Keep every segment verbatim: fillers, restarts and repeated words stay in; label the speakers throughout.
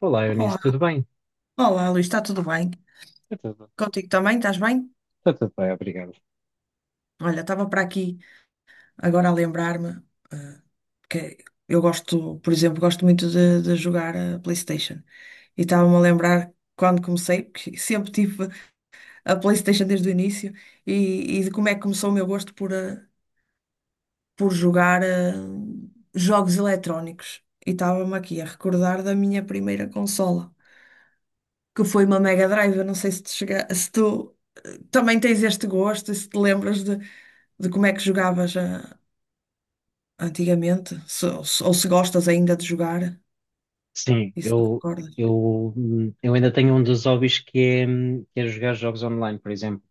Speaker 1: Olá, Eunice,
Speaker 2: Olá,
Speaker 1: tudo bem?
Speaker 2: olá, Luís, está tudo bem?
Speaker 1: Está tudo,
Speaker 2: Contigo também, estás bem?
Speaker 1: está tudo bem, obrigado.
Speaker 2: Olha, estava para aqui agora a lembrar-me, ah, que eu gosto, por exemplo, gosto muito de, de jogar a PlayStation. E estava-me a lembrar quando comecei, porque sempre tive a PlayStation desde o início, e, e de como é que começou o meu gosto por, ah, por jogar ah, jogos eletrónicos. E estava-me aqui a recordar da minha primeira consola, que foi uma Mega Drive. Eu não sei se te chega, se tu também tens este gosto, e se te lembras de, de, como é que jogavas ah, antigamente, se- ou, se, ou se gostas ainda de jogar,
Speaker 1: Sim,
Speaker 2: isso te
Speaker 1: eu,
Speaker 2: recordas?
Speaker 1: eu, hum, eu ainda tenho um dos hobbies que é, hum, que é jogar jogos online, por exemplo.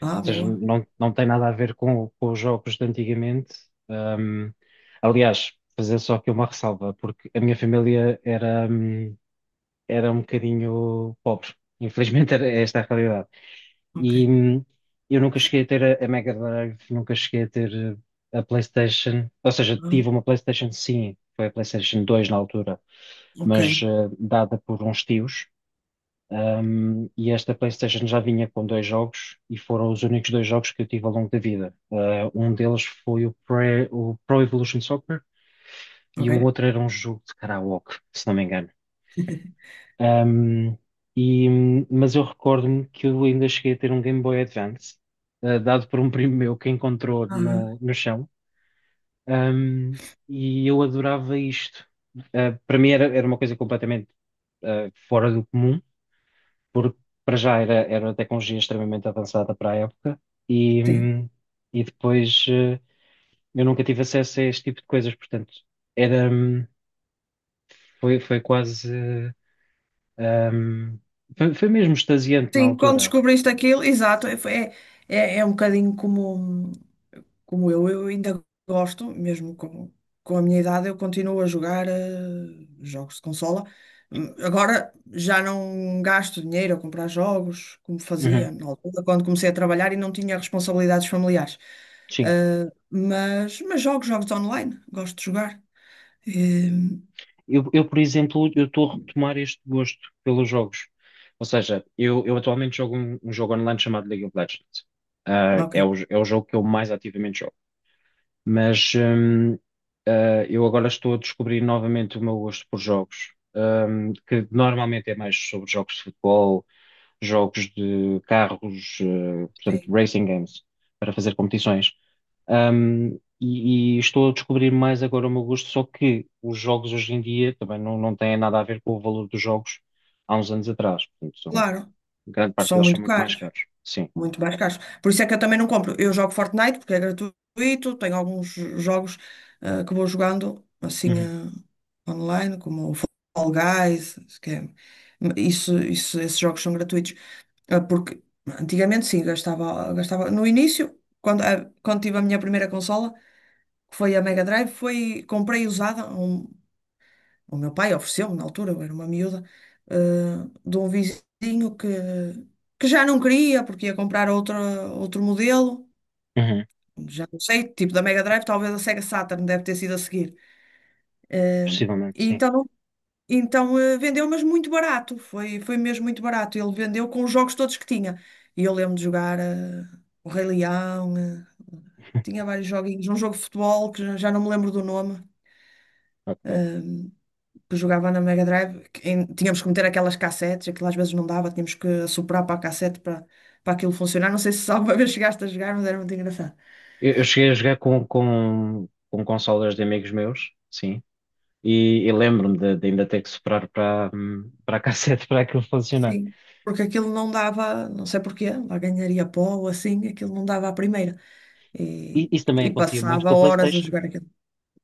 Speaker 2: Ah,
Speaker 1: Ou seja,
Speaker 2: boa,
Speaker 1: não, não tem nada a ver com, com os jogos de antigamente. Hum, aliás, fazer só aqui uma ressalva, porque a minha família era, hum, era um bocadinho pobre. Infelizmente, era esta a realidade.
Speaker 2: ok.
Speaker 1: E hum, eu nunca cheguei a ter a, a Mega Drive, nunca cheguei a ter eh, a PlayStation. Ou seja, tive
Speaker 2: Ah,
Speaker 1: uma PlayStation, sim, foi a PlayStation dois na altura,
Speaker 2: ok,
Speaker 1: mas eh, dada por uns tios. Hum, e esta PlayStation já vinha com dois jogos e foram os únicos dois jogos que eu tive ao longo da vida. Eh, um deles foi o, Pre- o Pro Evolution Soccer e um
Speaker 2: ok.
Speaker 1: outro era um jogo de karaoke, se não me engano. Ahm, e, mas eu recordo-me que eu ainda cheguei a ter um Game Boy Advance, ah, dado por um primo meu que encontrou no,
Speaker 2: Ah,
Speaker 1: no chão. Ahm, e eu adorava isto. Ah, para mim era, era uma coisa completamente ah, fora do comum, porque para já era, era uma tecnologia extremamente avançada para a época. E,
Speaker 2: sim.
Speaker 1: hum, e depois ah, eu nunca tive acesso a este tipo de coisas, portanto, era, hum, foi, foi quase. ah, hum, foi, foi mesmo extasiante na
Speaker 2: Sim, quando
Speaker 1: altura.
Speaker 2: descobriste aquilo, exato, é, foi- é, é é um bocadinho como. Como eu, eu ainda gosto, mesmo com, com a minha idade, eu continuo a jogar eh, jogos de consola. Hum, Agora já não gasto dinheiro a comprar jogos, como
Speaker 1: Uhum.
Speaker 2: fazia na altura, quando comecei a trabalhar e não tinha responsabilidades familiares.
Speaker 1: Sim.
Speaker 2: Eh, mas, mas jogo jogos online, gosto de jogar. Eh,
Speaker 1: Eu, eu, por exemplo, eu estou a retomar este gosto pelos jogos. Ou seja, eu, eu atualmente jogo um, um jogo online chamado League of Legends. Ah,
Speaker 2: ok,
Speaker 1: é o, é o jogo que eu mais ativamente jogo. Mas hum, ah, eu agora estou a descobrir novamente o meu gosto por jogos, hum, que normalmente é mais sobre jogos de futebol, jogos de carros, eh, portanto,
Speaker 2: sim,
Speaker 1: racing games, para fazer competições. Um, e, e estou a descobrir mais agora o meu gosto, só que os jogos hoje em dia também não, não têm nada a ver com o valor dos jogos há uns anos atrás. Portanto, são,
Speaker 2: claro,
Speaker 1: grande parte
Speaker 2: são
Speaker 1: deles são
Speaker 2: muito
Speaker 1: muito mais
Speaker 2: caros.
Speaker 1: caros. Sim.
Speaker 2: Muito mais caros. Por isso é que eu também não compro. Eu jogo Fortnite porque é gratuito, tenho alguns jogos eh, que vou jogando assim
Speaker 1: Uhum.
Speaker 2: eh, online, como o Fall Guys, que é- isso, isso, esses jogos são gratuitos. Ah, porque antigamente sim, gastava, gastava. No início, quando, ah, quando tive a minha primeira consola, que foi a Mega Drive, foi, comprei usada, um o meu pai ofereceu-me na altura, eu era uma miúda, eh, de um vizinho que, que já não queria porque ia comprar outra, outro modelo,
Speaker 1: Uhum.
Speaker 2: já não sei, tipo da Mega Drive, talvez a Sega Saturn deve ter sido a seguir. Eh,
Speaker 1: Possivelmente,
Speaker 2: e
Speaker 1: sim.
Speaker 2: então, então eh, vendeu, mas muito barato, foi, foi mesmo muito barato. Ele vendeu com os jogos todos que tinha. E eu lembro de jogar eh, o Rei Leão, eh, tinha vários joguinhos, um jogo de futebol que já já não me lembro do nome.
Speaker 1: Ok.
Speaker 2: Eh, que jogava na Mega Drive, que em- tínhamos que meter aquelas cassetes, aquilo às vezes não dava, tínhamos que soprar para a cassete para, para aquilo funcionar. Não sei se alguma vez chegaste a jogar, mas era muito engraçado.
Speaker 1: Eu, eu cheguei a jogar com, com, com consolas de amigos meus, sim. E, e lembro-me de, de ainda ter que soprar para, hum, para a cassete para aquilo funcionar.
Speaker 2: Sim, porque aquilo não dava, não sei porquê, lá ganharia pó ou assim, aquilo não dava à primeira.
Speaker 1: I-
Speaker 2: E,
Speaker 1: Isso também
Speaker 2: e
Speaker 1: acontecia muito
Speaker 2: passava
Speaker 1: com a
Speaker 2: horas a
Speaker 1: PlayStation.
Speaker 2: jogar aquilo.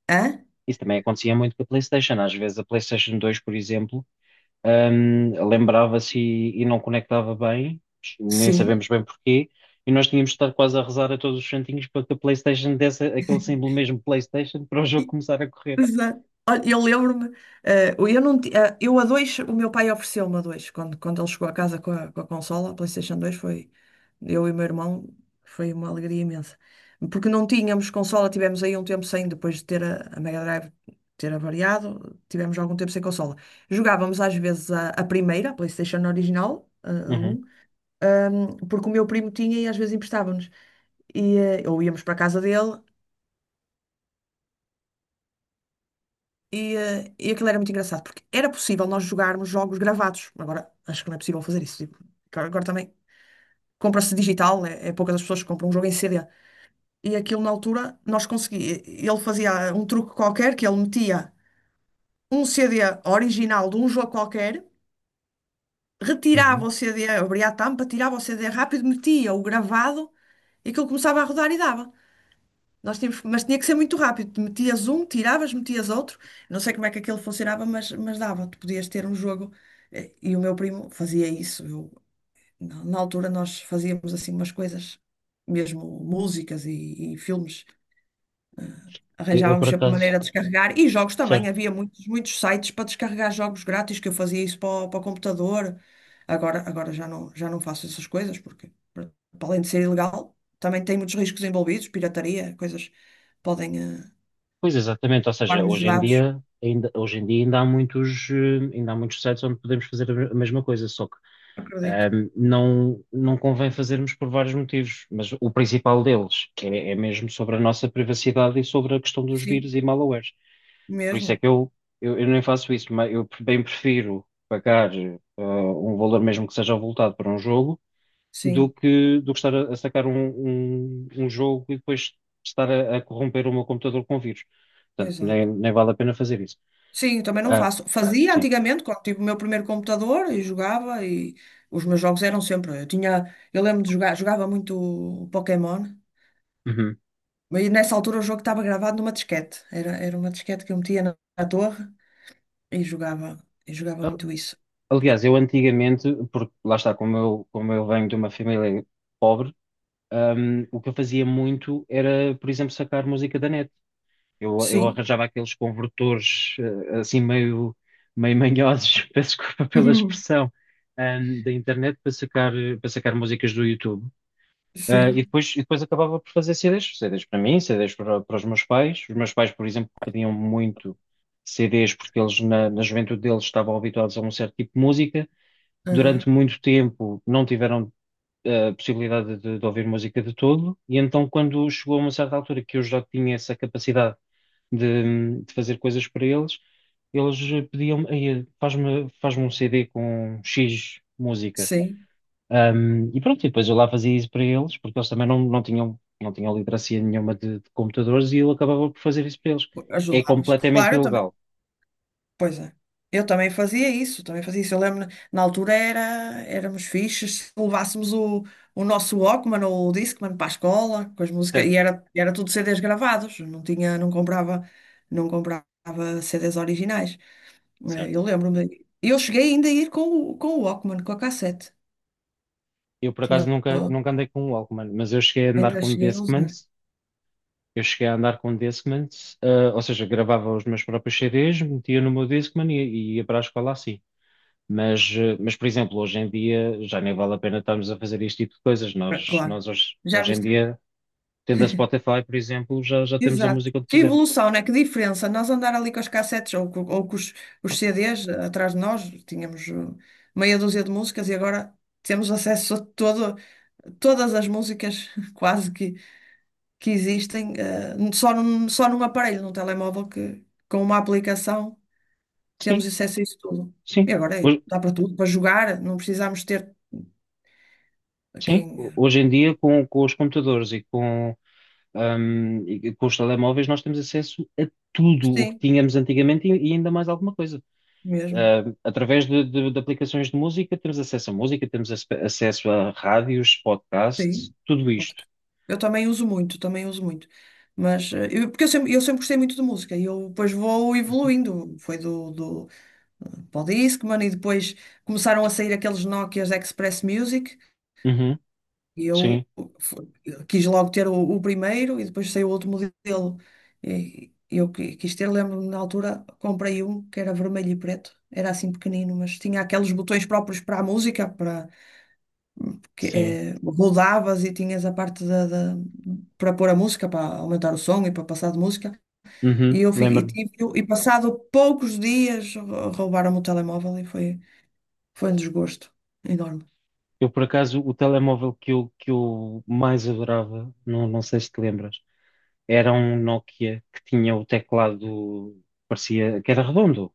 Speaker 2: Hã?
Speaker 1: Isso também acontecia muito com a PlayStation. Às vezes a PlayStation dois, por exemplo, hum, lembrava-se e, e não conectava bem, nem
Speaker 2: Sim.
Speaker 1: sabemos bem porquê, e nós tínhamos de estar quase a rezar a todos os santinhos para que a PlayStation desse aquele símbolo mesmo PlayStation para o jogo começar a correr.
Speaker 2: Exato. Olha, eu lembro-me, eh, eu não, ti- eh, eu a dois, o meu pai ofereceu-me a dois, quando, quando ele chegou a casa com a, com a, consola, a PlayStation dois, foi, eu e o meu irmão, foi uma alegria imensa. Porque não tínhamos consola, tivemos aí um tempo sem, depois de ter a, a Mega Drive ter avariado, tivemos algum tempo sem consola. Jogávamos às vezes a, a primeira, a PlayStation original, a, a
Speaker 1: Uhum.
Speaker 2: um, porque o meu primo tinha e às vezes emprestava-nos. E, eh, ou íamos para a casa dele. E, eh, e aquilo era muito engraçado, porque era possível nós jogarmos jogos gravados. Agora, acho que não é possível fazer isso. Tipo, agora agora também compra-se digital, é, é poucas as pessoas que compram um jogo em C D. E aquilo na altura nós conseguíamos. Ele fazia um truque qualquer que ele metia um C D original de um jogo qualquer, retirava
Speaker 1: Uhum.
Speaker 2: o C D, abria a tampa, tirava o C D rápido, metia o gravado e aquilo começava a rodar e dava. Nós tínhamos, mas tinha que ser muito rápido. Metias um, tiravas, metias outro. Não sei como é que aquilo funcionava, mas, mas dava. Tu podias ter um jogo. Eh, E o meu primo fazia isso. Eu, na, na altura nós fazíamos assim umas coisas, mesmo músicas e, e filmes.
Speaker 1: Eu, eu, por
Speaker 2: Arranjávamos sempre
Speaker 1: acaso,
Speaker 2: maneira de descarregar. E jogos também.
Speaker 1: certo.
Speaker 2: Havia muitos, muitos sites para descarregar jogos grátis que eu fazia isso para o, para o, computador. Agora, agora já não, já não faço essas coisas porque, para além de ser ilegal, também tem muitos riscos envolvidos, pirataria, coisas podem. eh,
Speaker 1: Pois, exatamente, ou seja,
Speaker 2: Guardo os
Speaker 1: hoje em
Speaker 2: dados,
Speaker 1: dia ainda, hoje em dia ainda há muitos, eh, ainda há muitos sites onde podemos fazer a me- a mesma coisa, só...
Speaker 2: acredito.
Speaker 1: Um, não, não convém fazermos por vários motivos, mas o principal deles, que é, é mesmo sobre a nossa privacidade e sobre a questão dos
Speaker 2: Sim,
Speaker 1: vírus e malwares. Por isso é
Speaker 2: mesmo.
Speaker 1: que eu, eu, eu nem faço isso, mas eu bem prefiro pagar uh, um valor mesmo que seja avultado para um jogo do
Speaker 2: Sim,
Speaker 1: que, do que estar a, a sacar um, um, um jogo e depois estar a, a corromper o meu computador com vírus. Portanto, nem,
Speaker 2: exato.
Speaker 1: nem vale a pena fazer isso.
Speaker 2: Sim, eu também não
Speaker 1: Ah,
Speaker 2: faço. Fazia
Speaker 1: sim.
Speaker 2: antigamente, quando tive o meu primeiro computador e jogava, e os meus jogos eram sempre. Eu tinha, eu lembro de jogar, jogava muito Pokémon,
Speaker 1: Uhum.
Speaker 2: mas nessa altura o jogo estava gravado numa disquete. Era, era uma disquete que eu metia na, na, torre e jogava, e jogava muito isso.
Speaker 1: Aliás, eu antigamente, porque lá está, como eu, como eu venho de uma família pobre, hum, o que eu fazia muito era, por exemplo, sacar música da net. Eu, eu
Speaker 2: Sim,
Speaker 1: arranjava aqueles convertores, eh, assim meio, meio manhosos, peço desculpa pela expressão, hum, da internet para sacar, para sacar músicas do YouTube. Ah, e
Speaker 2: sim,
Speaker 1: depois, e depois acabava por fazer C Ds, C Ds para mim, C Ds para, para os meus pais. Os meus pais, por exemplo, pediam muito C Ds porque eles na, na juventude deles estavam habituados a um certo tipo de música.
Speaker 2: aham,
Speaker 1: Durante muito tempo não tiveram a possibilidade de, de ouvir música de todo, e então quando chegou a uma certa altura que eu já tinha essa capacidade de, de fazer coisas para eles, eles pediam-me: "Ei, faz-me faz-me um C D com X música."
Speaker 2: sim.
Speaker 1: Um, e pronto, e depois eu lá fazia isso para eles, porque eles também não, não tinham, não tinham literacia nenhuma de, de computadores, e eu acabava por fazer isso para eles. É
Speaker 2: Ajudavas.
Speaker 1: completamente
Speaker 2: Claro, eu também.
Speaker 1: ilegal,
Speaker 2: Pois é. Eu também fazia isso, também fazia isso. Eu lembro, na altura era, éramos fixes, se levássemos o, o nosso Walkman ou o Discman para a escola, com as músicas, e
Speaker 1: certo?
Speaker 2: era, era tudo C Ds gravados, não tinha, não comprava, não comprava C Ds originais. Eh,
Speaker 1: Certo.
Speaker 2: Eu lembro-me. Eu cheguei ainda a ir com o, com o, Walkman, com a cassete.
Speaker 1: Eu, por acaso,
Speaker 2: Tinha,
Speaker 1: nunca, nunca andei com um Walkman, mas eu cheguei a andar
Speaker 2: ainda
Speaker 1: com
Speaker 2: cheguei a
Speaker 1: Discman.
Speaker 2: usar.
Speaker 1: Eu cheguei a andar com um Discman, eh, ou seja, gravava os meus próprios C Ds, metia no meu Discman e, e ia para a escola assim. Mas, eh, mas, por exemplo, hoje em dia já nem vale a pena estarmos a fazer este tipo de coisas. Nós,
Speaker 2: Claro.
Speaker 1: nós hoje,
Speaker 2: Já
Speaker 1: hoje em
Speaker 2: viste?
Speaker 1: dia, tendo a Spotify, por exemplo, já, já temos a
Speaker 2: Exato.
Speaker 1: música onde
Speaker 2: Que
Speaker 1: quisermos.
Speaker 2: evolução, né? Que diferença. Nós andar ali com as cassetes ou, co- ou com os, os, C Ds atrás de nós, tínhamos uh, meia dúzia de músicas e agora temos acesso a todo, todas as músicas quase que, que existem, uh, só num, só num aparelho, num telemóvel, que com uma aplicação temos
Speaker 1: Sim,
Speaker 2: acesso a isso tudo.
Speaker 1: sim.
Speaker 2: E agora é,
Speaker 1: Hoje,
Speaker 2: dá para tudo, para jogar, não precisamos ter uh,
Speaker 1: sim,
Speaker 2: quem.
Speaker 1: hoje em dia, com, com os computadores e com, ahm, e com os telemóveis, nós temos acesso a tudo o que
Speaker 2: Sim,
Speaker 1: tínhamos antigamente e, e ainda mais alguma coisa.
Speaker 2: mesmo.
Speaker 1: Uh, através de, de- de aplicações de música, temos acesso a música, temos ace- acesso a rádios, podcasts,
Speaker 2: Sim.
Speaker 1: tudo isto.
Speaker 2: Eu também uso muito, também uso muito. Mas, eh, eu, porque eu sempre, eu sempre gostei muito de música e eu depois vou evoluindo. Foi do, do Discman e depois começaram a sair aqueles Nokias Express Music
Speaker 1: Uhum,
Speaker 2: e eu
Speaker 1: sim,
Speaker 2: fu- quis logo ter o, o primeiro e depois saiu o outro modelo. E, eu qui- quis ter, lembro-me na altura, comprei um que era vermelho e preto. Era assim pequenino, mas tinha aqueles botões próprios para a música, para que
Speaker 1: sim.
Speaker 2: eh, rodavas e tinhas a parte da, da- para pôr a música, para aumentar o som e para passar de música.
Speaker 1: Uhum,
Speaker 2: E eu fiquei, e,
Speaker 1: lembro-me.
Speaker 2: tive- e passado poucos dias rou- roubaram-me o telemóvel e foi, foi um desgosto enorme.
Speaker 1: Eu, por acaso, o telemóvel que eu, que eu mais adorava, não não sei se te lembras, era um Nokia que tinha o teclado, parecia que era redondo.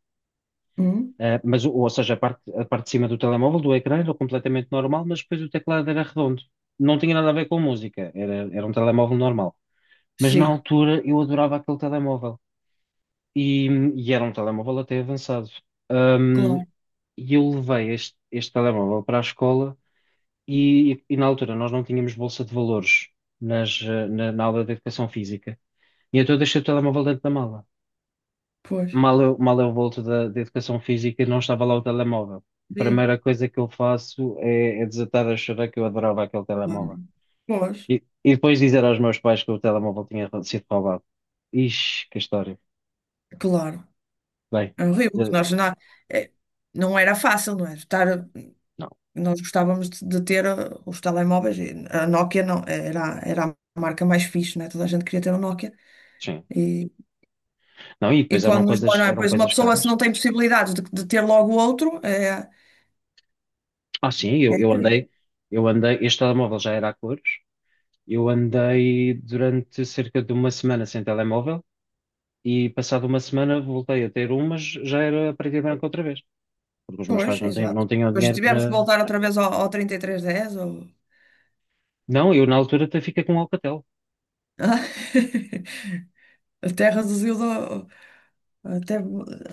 Speaker 2: Hum?
Speaker 1: Uh, mas, o- ou seja, a parte, a parte de cima do telemóvel, do ecrã, era completamente normal, mas depois o teclado era redondo. Não tinha nada a ver com música, era, era um telemóvel normal. Mas na
Speaker 2: Sim,
Speaker 1: altura eu adorava aquele telemóvel. E, e era um telemóvel até avançado. Ahm,
Speaker 2: claro,
Speaker 1: e eu levei este, este telemóvel para a escola e, e na altura nós não tínhamos bolsa de valores nas, eh, na, na aula de educação física. E então eu deixei o telemóvel dentro da mala.
Speaker 2: pois.
Speaker 1: Mal eu, mal eu volto da, da educação física e não estava lá o telemóvel. A
Speaker 2: É,
Speaker 1: primeira coisa que eu faço é, é desatar a chorar, que eu adorava aquele
Speaker 2: claro.
Speaker 1: telemóvel.
Speaker 2: Pois,
Speaker 1: E, e depois, dizer aos meus pais que o telemóvel tinha sido roubado. Ixi, que história.
Speaker 2: claro.
Speaker 1: Bem,
Speaker 2: É horrível que
Speaker 1: eh,
Speaker 2: nós não, é, não era fácil, não é? Estar,
Speaker 1: não,
Speaker 2: nós gostávamos de, de ter uh, os telemóveis. E a Nokia não, era, era a marca mais fixe, não é? Toda a gente queria ter um Nokia.
Speaker 1: sim. Não, e
Speaker 2: E
Speaker 1: depois eram
Speaker 2: quando nos dói,
Speaker 1: coisas,
Speaker 2: não é?
Speaker 1: eram
Speaker 2: Pois uma
Speaker 1: coisas
Speaker 2: pessoa, se
Speaker 1: caras.
Speaker 2: não tem possibilidades de, de ter logo outro, é,
Speaker 1: Ah, sim, eu,
Speaker 2: é
Speaker 1: eu andei,
Speaker 2: triste.
Speaker 1: eu andei, este telemóvel já era a cores, eu andei durante cerca de uma semana sem telemóvel e, passado uma semana, voltei a ter um, mas já era a preto e branco outra vez, porque os meus
Speaker 2: Pois,
Speaker 1: pais não, têm,
Speaker 2: exato.
Speaker 1: não tinham
Speaker 2: Depois
Speaker 1: dinheiro
Speaker 2: tivemos que
Speaker 1: para...
Speaker 2: voltar outra vez ao, ao, trinta e três dez, ou...
Speaker 1: Não, eu na altura até fiquei com um Alcatel.
Speaker 2: Até reduziu, do- até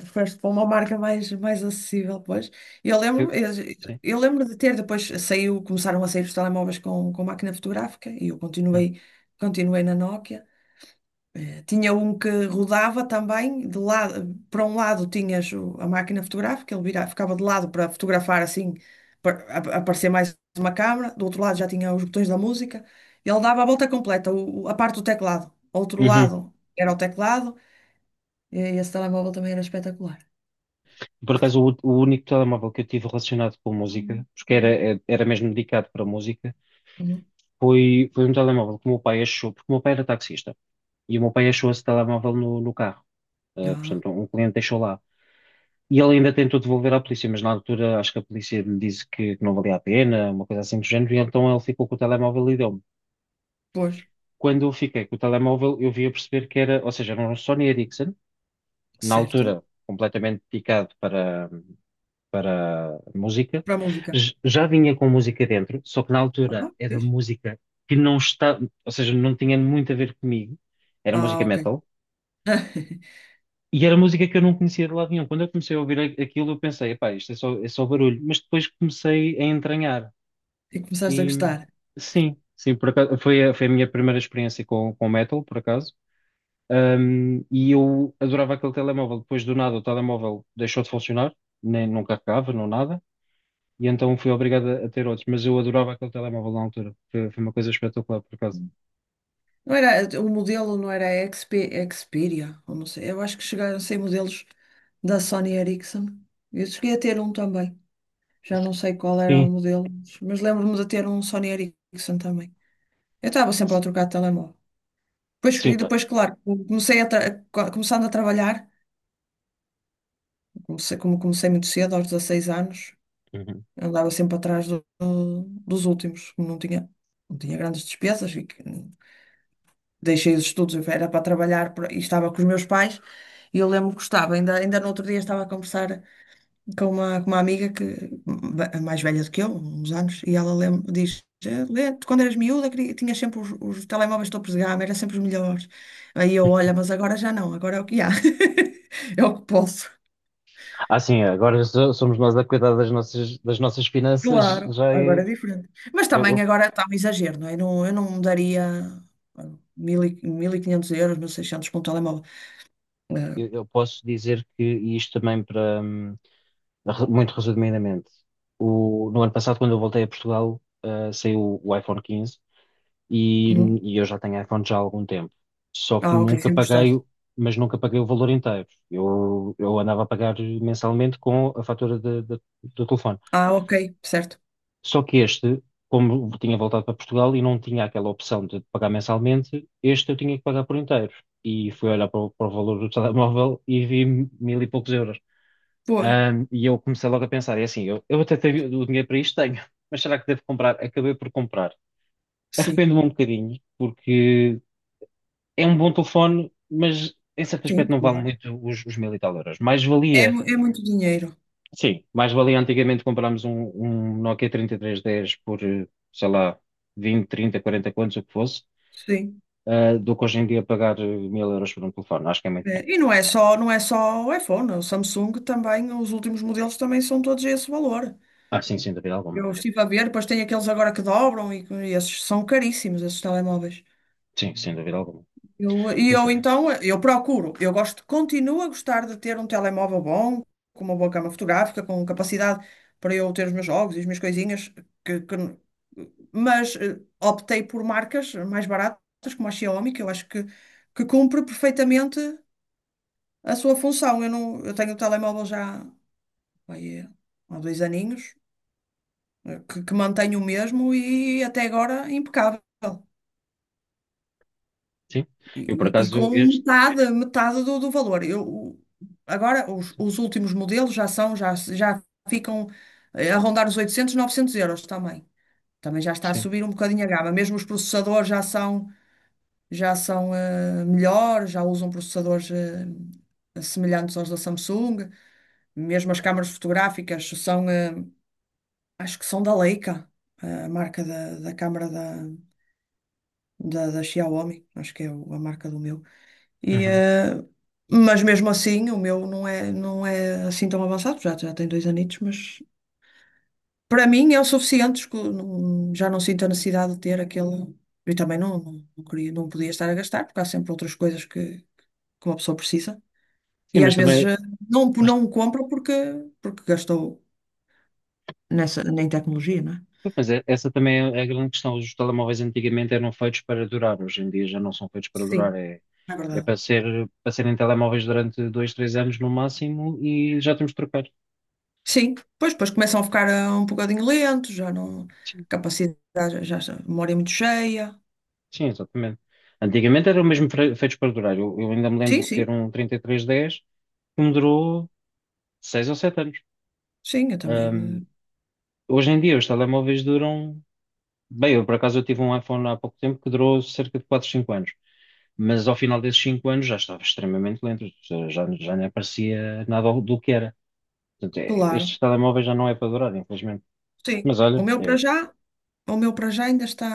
Speaker 2: foste para uma marca mais, mais acessível, pois. E Eu
Speaker 1: Foi-
Speaker 2: lembro, eu,
Speaker 1: Sim.
Speaker 2: eu lembro de ter, depois saiu, começaram a sair os telemóveis com, com máquina fotográfica, e eu
Speaker 1: Hum.
Speaker 2: continuei, continuei na Nokia. Tinha um que rodava também, de lado, para um lado tinhas o- a máquina fotográfica, ele vira- ficava de lado para fotografar assim, para ap- aparecer mais uma câmara, do outro lado já tinha os botões da música, e ele dava a volta completa, o- o- a parte do teclado. Outro
Speaker 1: Uhum.
Speaker 2: lado era o teclado, e esse telemóvel também era espetacular.
Speaker 1: Por acaso, o, o único telemóvel que eu tive relacionado com música, porque era, era mesmo dedicado para música...
Speaker 2: Uhum.
Speaker 1: Foi, foi um telemóvel que o meu pai achou, porque o meu pai era taxista, e o meu pai achou esse telemóvel no, no carro. Ah,
Speaker 2: Ah,
Speaker 1: portanto, um cliente deixou lá. E ele ainda tentou devolver à polícia, mas na altura acho que a polícia lhe disse que, que não valia a pena, uma coisa assim do género, e então ele ficou com o telemóvel e deu-me.
Speaker 2: pois,
Speaker 1: Quando eu fiquei com o telemóvel, eu vim a perceber que era, ou seja, era um Sony Ericsson, na
Speaker 2: certo.
Speaker 1: altura completamente picado para, para música.
Speaker 2: Para a música.
Speaker 1: J- Já vinha com música dentro, só que na altura
Speaker 2: Ah,
Speaker 1: era
Speaker 2: fixe.
Speaker 1: música que não está, ou seja, não tinha muito a ver comigo. Era
Speaker 2: Ah,
Speaker 1: música
Speaker 2: ok.
Speaker 1: metal, e era música que eu não conhecia de lado nenhum. Quando eu comecei a ouvir a- aquilo, eu pensei, pá, isto é só, é só barulho. Mas depois comecei a entranhar
Speaker 2: E começaste a
Speaker 1: e,
Speaker 2: gostar.
Speaker 1: sim, sim, por acaso, foi a, foi a minha primeira experiência com, com metal, por acaso. Um, e eu adorava aquele telemóvel. Depois do nada, o telemóvel deixou de funcionar, nem, não carregava, não nada. E então fui obrigado a, a ter outros. Mas eu adorava aquele telemóvel na altura. Foi, foi uma coisa espetacular, por acaso.
Speaker 2: Não era, o modelo não era X P, Xperia, ou não sei, eu acho que chegaram a ser modelos da Sony Ericsson. Eu cheguei a ter um também. Já não sei qual era o
Speaker 1: Sim,
Speaker 2: modelo, mas lembro-me de ter um Sony Ericsson também. Eu estava sempre a trocar de telemóvel. Depois, e
Speaker 1: sim.
Speaker 2: depois, claro, comecei a tra- co- começando a trabalhar, comecei, como comecei muito cedo, aos dezasseis anos,
Speaker 1: Uhum.
Speaker 2: andava sempre atrás do- dos últimos, como não tinha, não tinha, grandes despesas, e que- deixei os estudos, era para trabalhar pra- e estava com os meus pais, e eu lembro que gostava, ainda, ainda no outro dia estava a conversar com uma, com uma, amiga que ba- mais velha do que eu, uns anos, e ela lem- diz, "Eh, Lê, tu quando eras miúda queria- tinhas sempre os, os telemóveis topos de gama, eram sempre os melhores. Aí eu, olha, mas agora já não, agora é o que há. É o que posso."
Speaker 1: Ah, sim, agora so- somos nós a cuidar das nossas, das nossas finanças.
Speaker 2: Claro,
Speaker 1: Já é,
Speaker 2: agora é diferente. Mas
Speaker 1: eu,
Speaker 2: também
Speaker 1: eu,
Speaker 2: agora está um exagero, não é? Não, eu não daria ah, mil e- mil e quinhentos euros, mil e seiscentos por um telemóvel. Ah,
Speaker 1: eu eu posso dizer, que e isto também para hum, re- muito resumidamente. O, no ano passado, quando eu voltei a Portugal, ah, saiu o iPhone quinze e,
Speaker 2: uhum.
Speaker 1: e eu já tenho iPhone já há algum tempo. Só que
Speaker 2: Ah, ok,
Speaker 1: nunca
Speaker 2: sempre
Speaker 1: paguei,
Speaker 2: gostaste.
Speaker 1: o- mas nunca paguei o valor inteiro. Eu, eu andava a pagar mensalmente com a fatura da- da- do telefone.
Speaker 2: Ah, ok, certo.
Speaker 1: Só que este, como tinha voltado para Portugal e não tinha aquela opção de pagar mensalmente, este eu tinha que pagar por inteiro. E fui olhar para o, para o valor do telemóvel e vi mil e poucos euros.
Speaker 2: Boa.
Speaker 1: Ahm, e eu comecei logo a pensar, é assim, eu, eu até tenho o dinheiro para isto, tenho, mas será que devo comprar? Acabei por comprar.
Speaker 2: Sim,
Speaker 1: Arrependo-me um bocadinho, porque é um bom telefone, mas em certo
Speaker 2: sim,
Speaker 1: aspecto não vale
Speaker 2: claro.
Speaker 1: muito os, os mil e tal euros. Mais
Speaker 2: É,
Speaker 1: valia,
Speaker 2: mu- é muito dinheiro.
Speaker 1: sim, mais valia antigamente comprarmos um, um Nokia trinta e três dez por, eh, sei lá, vinte, trinta, quarenta, quantos, o que fosse,
Speaker 2: Sim.
Speaker 1: eh, do que hoje em dia pagar eh, mil euros por um telefone. Acho que é muito dinheiro.
Speaker 2: É, e não é só, não é só o iPhone, o Samsung também, os últimos modelos também são todos esse valor.
Speaker 1: Ah, sim, sem dúvida
Speaker 2: Eu
Speaker 1: alguma.
Speaker 2: estive a ver, depois tem aqueles agora que dobram e, que- e esses são caríssimos, esses telemóveis.
Speaker 1: Sim, sem dúvida alguma.
Speaker 2: Eu, e
Speaker 1: Mas
Speaker 2: eu
Speaker 1: também,
Speaker 2: então, eu procuro, eu gosto, continuo a gostar de ter um telemóvel bom, com uma boa câmara fotográfica, com capacidade para eu ter os meus jogos e as minhas coisinhas, que, que- mas eh, optei por marcas mais baratas, como a Xiaomi, que eu acho que, que cumpre perfeitamente a sua função. Eu, não, eu tenho o telemóvel já vai, eh, há dois aninhos, eh, que, que mantenho o mesmo e até agora impecável.
Speaker 1: sim. Eu, por
Speaker 2: E, e
Speaker 1: acaso,
Speaker 2: com
Speaker 1: este,
Speaker 2: metade, metade do, do valor. Eu, o- agora, os, os últimos modelos já são, já, já ficam eh, a rondar os oitocentos novecentos euros também. Também já está a
Speaker 1: sim.
Speaker 2: subir um bocadinho a gama. Mesmo os processadores já são. Já são eh, melhores, já usam processadores eh, semelhantes aos da Samsung. Mesmo as câmaras fotográficas são, eh, acho que são da Leica, a marca da, da câmara da, da, da Xiaomi, acho que é o- a marca do meu. E,
Speaker 1: Uhum.
Speaker 2: eh, mas mesmo assim, o meu não é, não é assim tão avançado, já, já tem dois anitos, mas para mim é o suficiente, escu- não- já não sinto a necessidade de ter aquele. E também não, não, não queria, não podia estar a gastar, porque há sempre outras coisas que, que uma pessoa precisa.
Speaker 1: Sim,
Speaker 2: E às
Speaker 1: mas também,
Speaker 2: vezes eh, não,
Speaker 1: mas
Speaker 2: não o compra porque, porque gastou nessa, em tecnologia, não é?
Speaker 1: Mas é- essa também é a grande questão. Os telemóveis antigamente eram feitos para durar, hoje em dia já não são feitos para durar.
Speaker 2: Sim,
Speaker 1: É,
Speaker 2: é
Speaker 1: é
Speaker 2: verdade.
Speaker 1: para ser, para serem telemóveis durante dois, três anos no máximo, e já temos de trocar.
Speaker 2: Sim, pois, depois começam a ficar eh, um bocadinho lentos, já não.
Speaker 1: Sim,
Speaker 2: Capacidade, já, já- a memória é muito cheia.
Speaker 1: sim, exatamente. Antigamente eram mesmo fre- feitos para durar. Eu, eu ainda me lembro
Speaker 2: Sim,
Speaker 1: de ter
Speaker 2: sim,
Speaker 1: um trinta e três dez que me durou seis ou sete anos.
Speaker 2: sim, eu também,
Speaker 1: Ahm,
Speaker 2: eh,
Speaker 1: Hoje em dia os telemóveis duram... Bem, eu, por acaso, eu tive um iPhone há pouco tempo que durou cerca de quatro, cinco anos, mas ao final desses cinco anos já estava extremamente lento, já, já já nem aparecia nada do que era. Portanto, é-
Speaker 2: claro.
Speaker 1: estes telemóveis já não é para durar, infelizmente.
Speaker 2: Sim,
Speaker 1: Mas
Speaker 2: o
Speaker 1: olha,
Speaker 2: meu para
Speaker 1: é,
Speaker 2: já, o meu para já ainda está,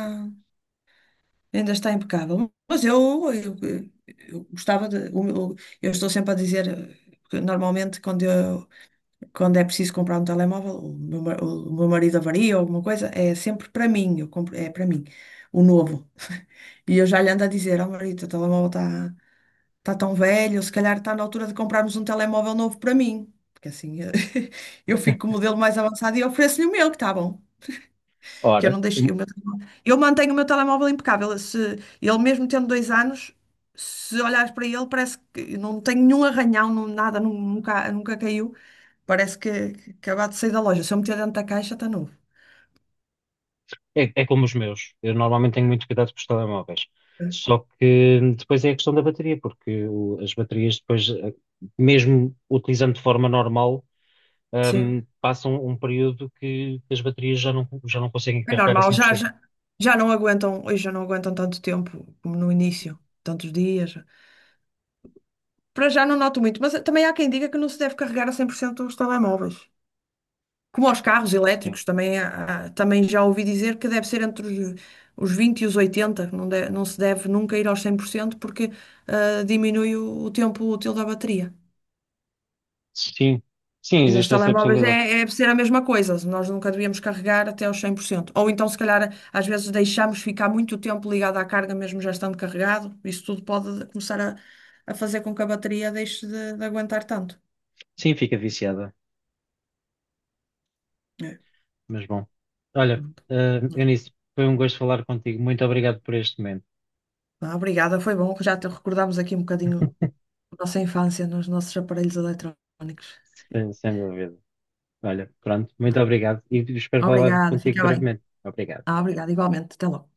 Speaker 2: ainda está impecável. Mas eu, eu, eu gostava de. o meu- Eu estou sempre a dizer, eh, que normalmente quando eu quando é preciso comprar um telemóvel, o meu, ma- o meu marido avaria ou alguma coisa, é sempre para mim, eu compro, é para mim, o novo. E eu já lhe ando a dizer, ó marido, o telemóvel está tá tá tão velho, se calhar está na altura de comprarmos um telemóvel novo para mim. Porque assim eu fico com o modelo mais avançado e ofereço-lhe o meu, que está bom. Porque eu
Speaker 1: Ora,
Speaker 2: não deixo. O meu telemóvel- eu mantenho o meu telemóvel impecável. Se, ele mesmo tendo dois anos, se olhares para ele, parece que não tem nenhum arranhão, não- nada, nu- nunca, nunca caiu. Parece que, que acabou de sair da loja. Se eu meter dentro da caixa, está novo.
Speaker 1: é, é como os meus. Eu normalmente tenho muito cuidado com os telemóveis. Só que depois é a questão da bateria, porque o- as baterias depois, eh, mesmo utilizando de forma normal,
Speaker 2: Sim.
Speaker 1: ahm, passam um período que as baterias já não, já não conseguem
Speaker 2: É
Speaker 1: carregar a
Speaker 2: normal, já,
Speaker 1: cem por cento.
Speaker 2: já, já não aguentam, hoje já não aguentam tanto tempo como no início, tantos dias. Para já não noto muito, mas também há quem diga que não se deve carregar a cem por cento os telemóveis. Como aos carros elétricos, também, há- há- também já ouvi dizer que deve ser entre os, os vinte e os oitenta, que não, de- não se deve nunca ir aos cem por cento porque ah, diminui o, o tempo útil da bateria.
Speaker 1: Sim, sim,
Speaker 2: E nos
Speaker 1: existe essa
Speaker 2: telemóveis é,
Speaker 1: possibilidade.
Speaker 2: é deve ser a mesma coisa, nós nunca devíamos carregar até aos cem por cento. Ou então, se calhar, às vezes deixamos ficar muito tempo ligado à carga, mesmo já estando carregado. Isso tudo pode começar a, a fazer com que a bateria deixe de, de aguentar tanto.
Speaker 1: Sim, fica viciada,
Speaker 2: É.
Speaker 1: mas bom. Olha, eh, Eunice, foi um gosto falar contigo. Muito obrigado por este momento,
Speaker 2: Ah, obrigada, foi bom, já te recordámos aqui um bocadinho nossa infância nos nossos aparelhos eletrónicos.
Speaker 1: sem, sem dúvida. Olha, pronto, muito obrigado e espero falar
Speaker 2: Obrigada,
Speaker 1: contigo
Speaker 2: fica bem.
Speaker 1: brevemente. Obrigado.
Speaker 2: Ah, obrigada, igualmente. Até logo.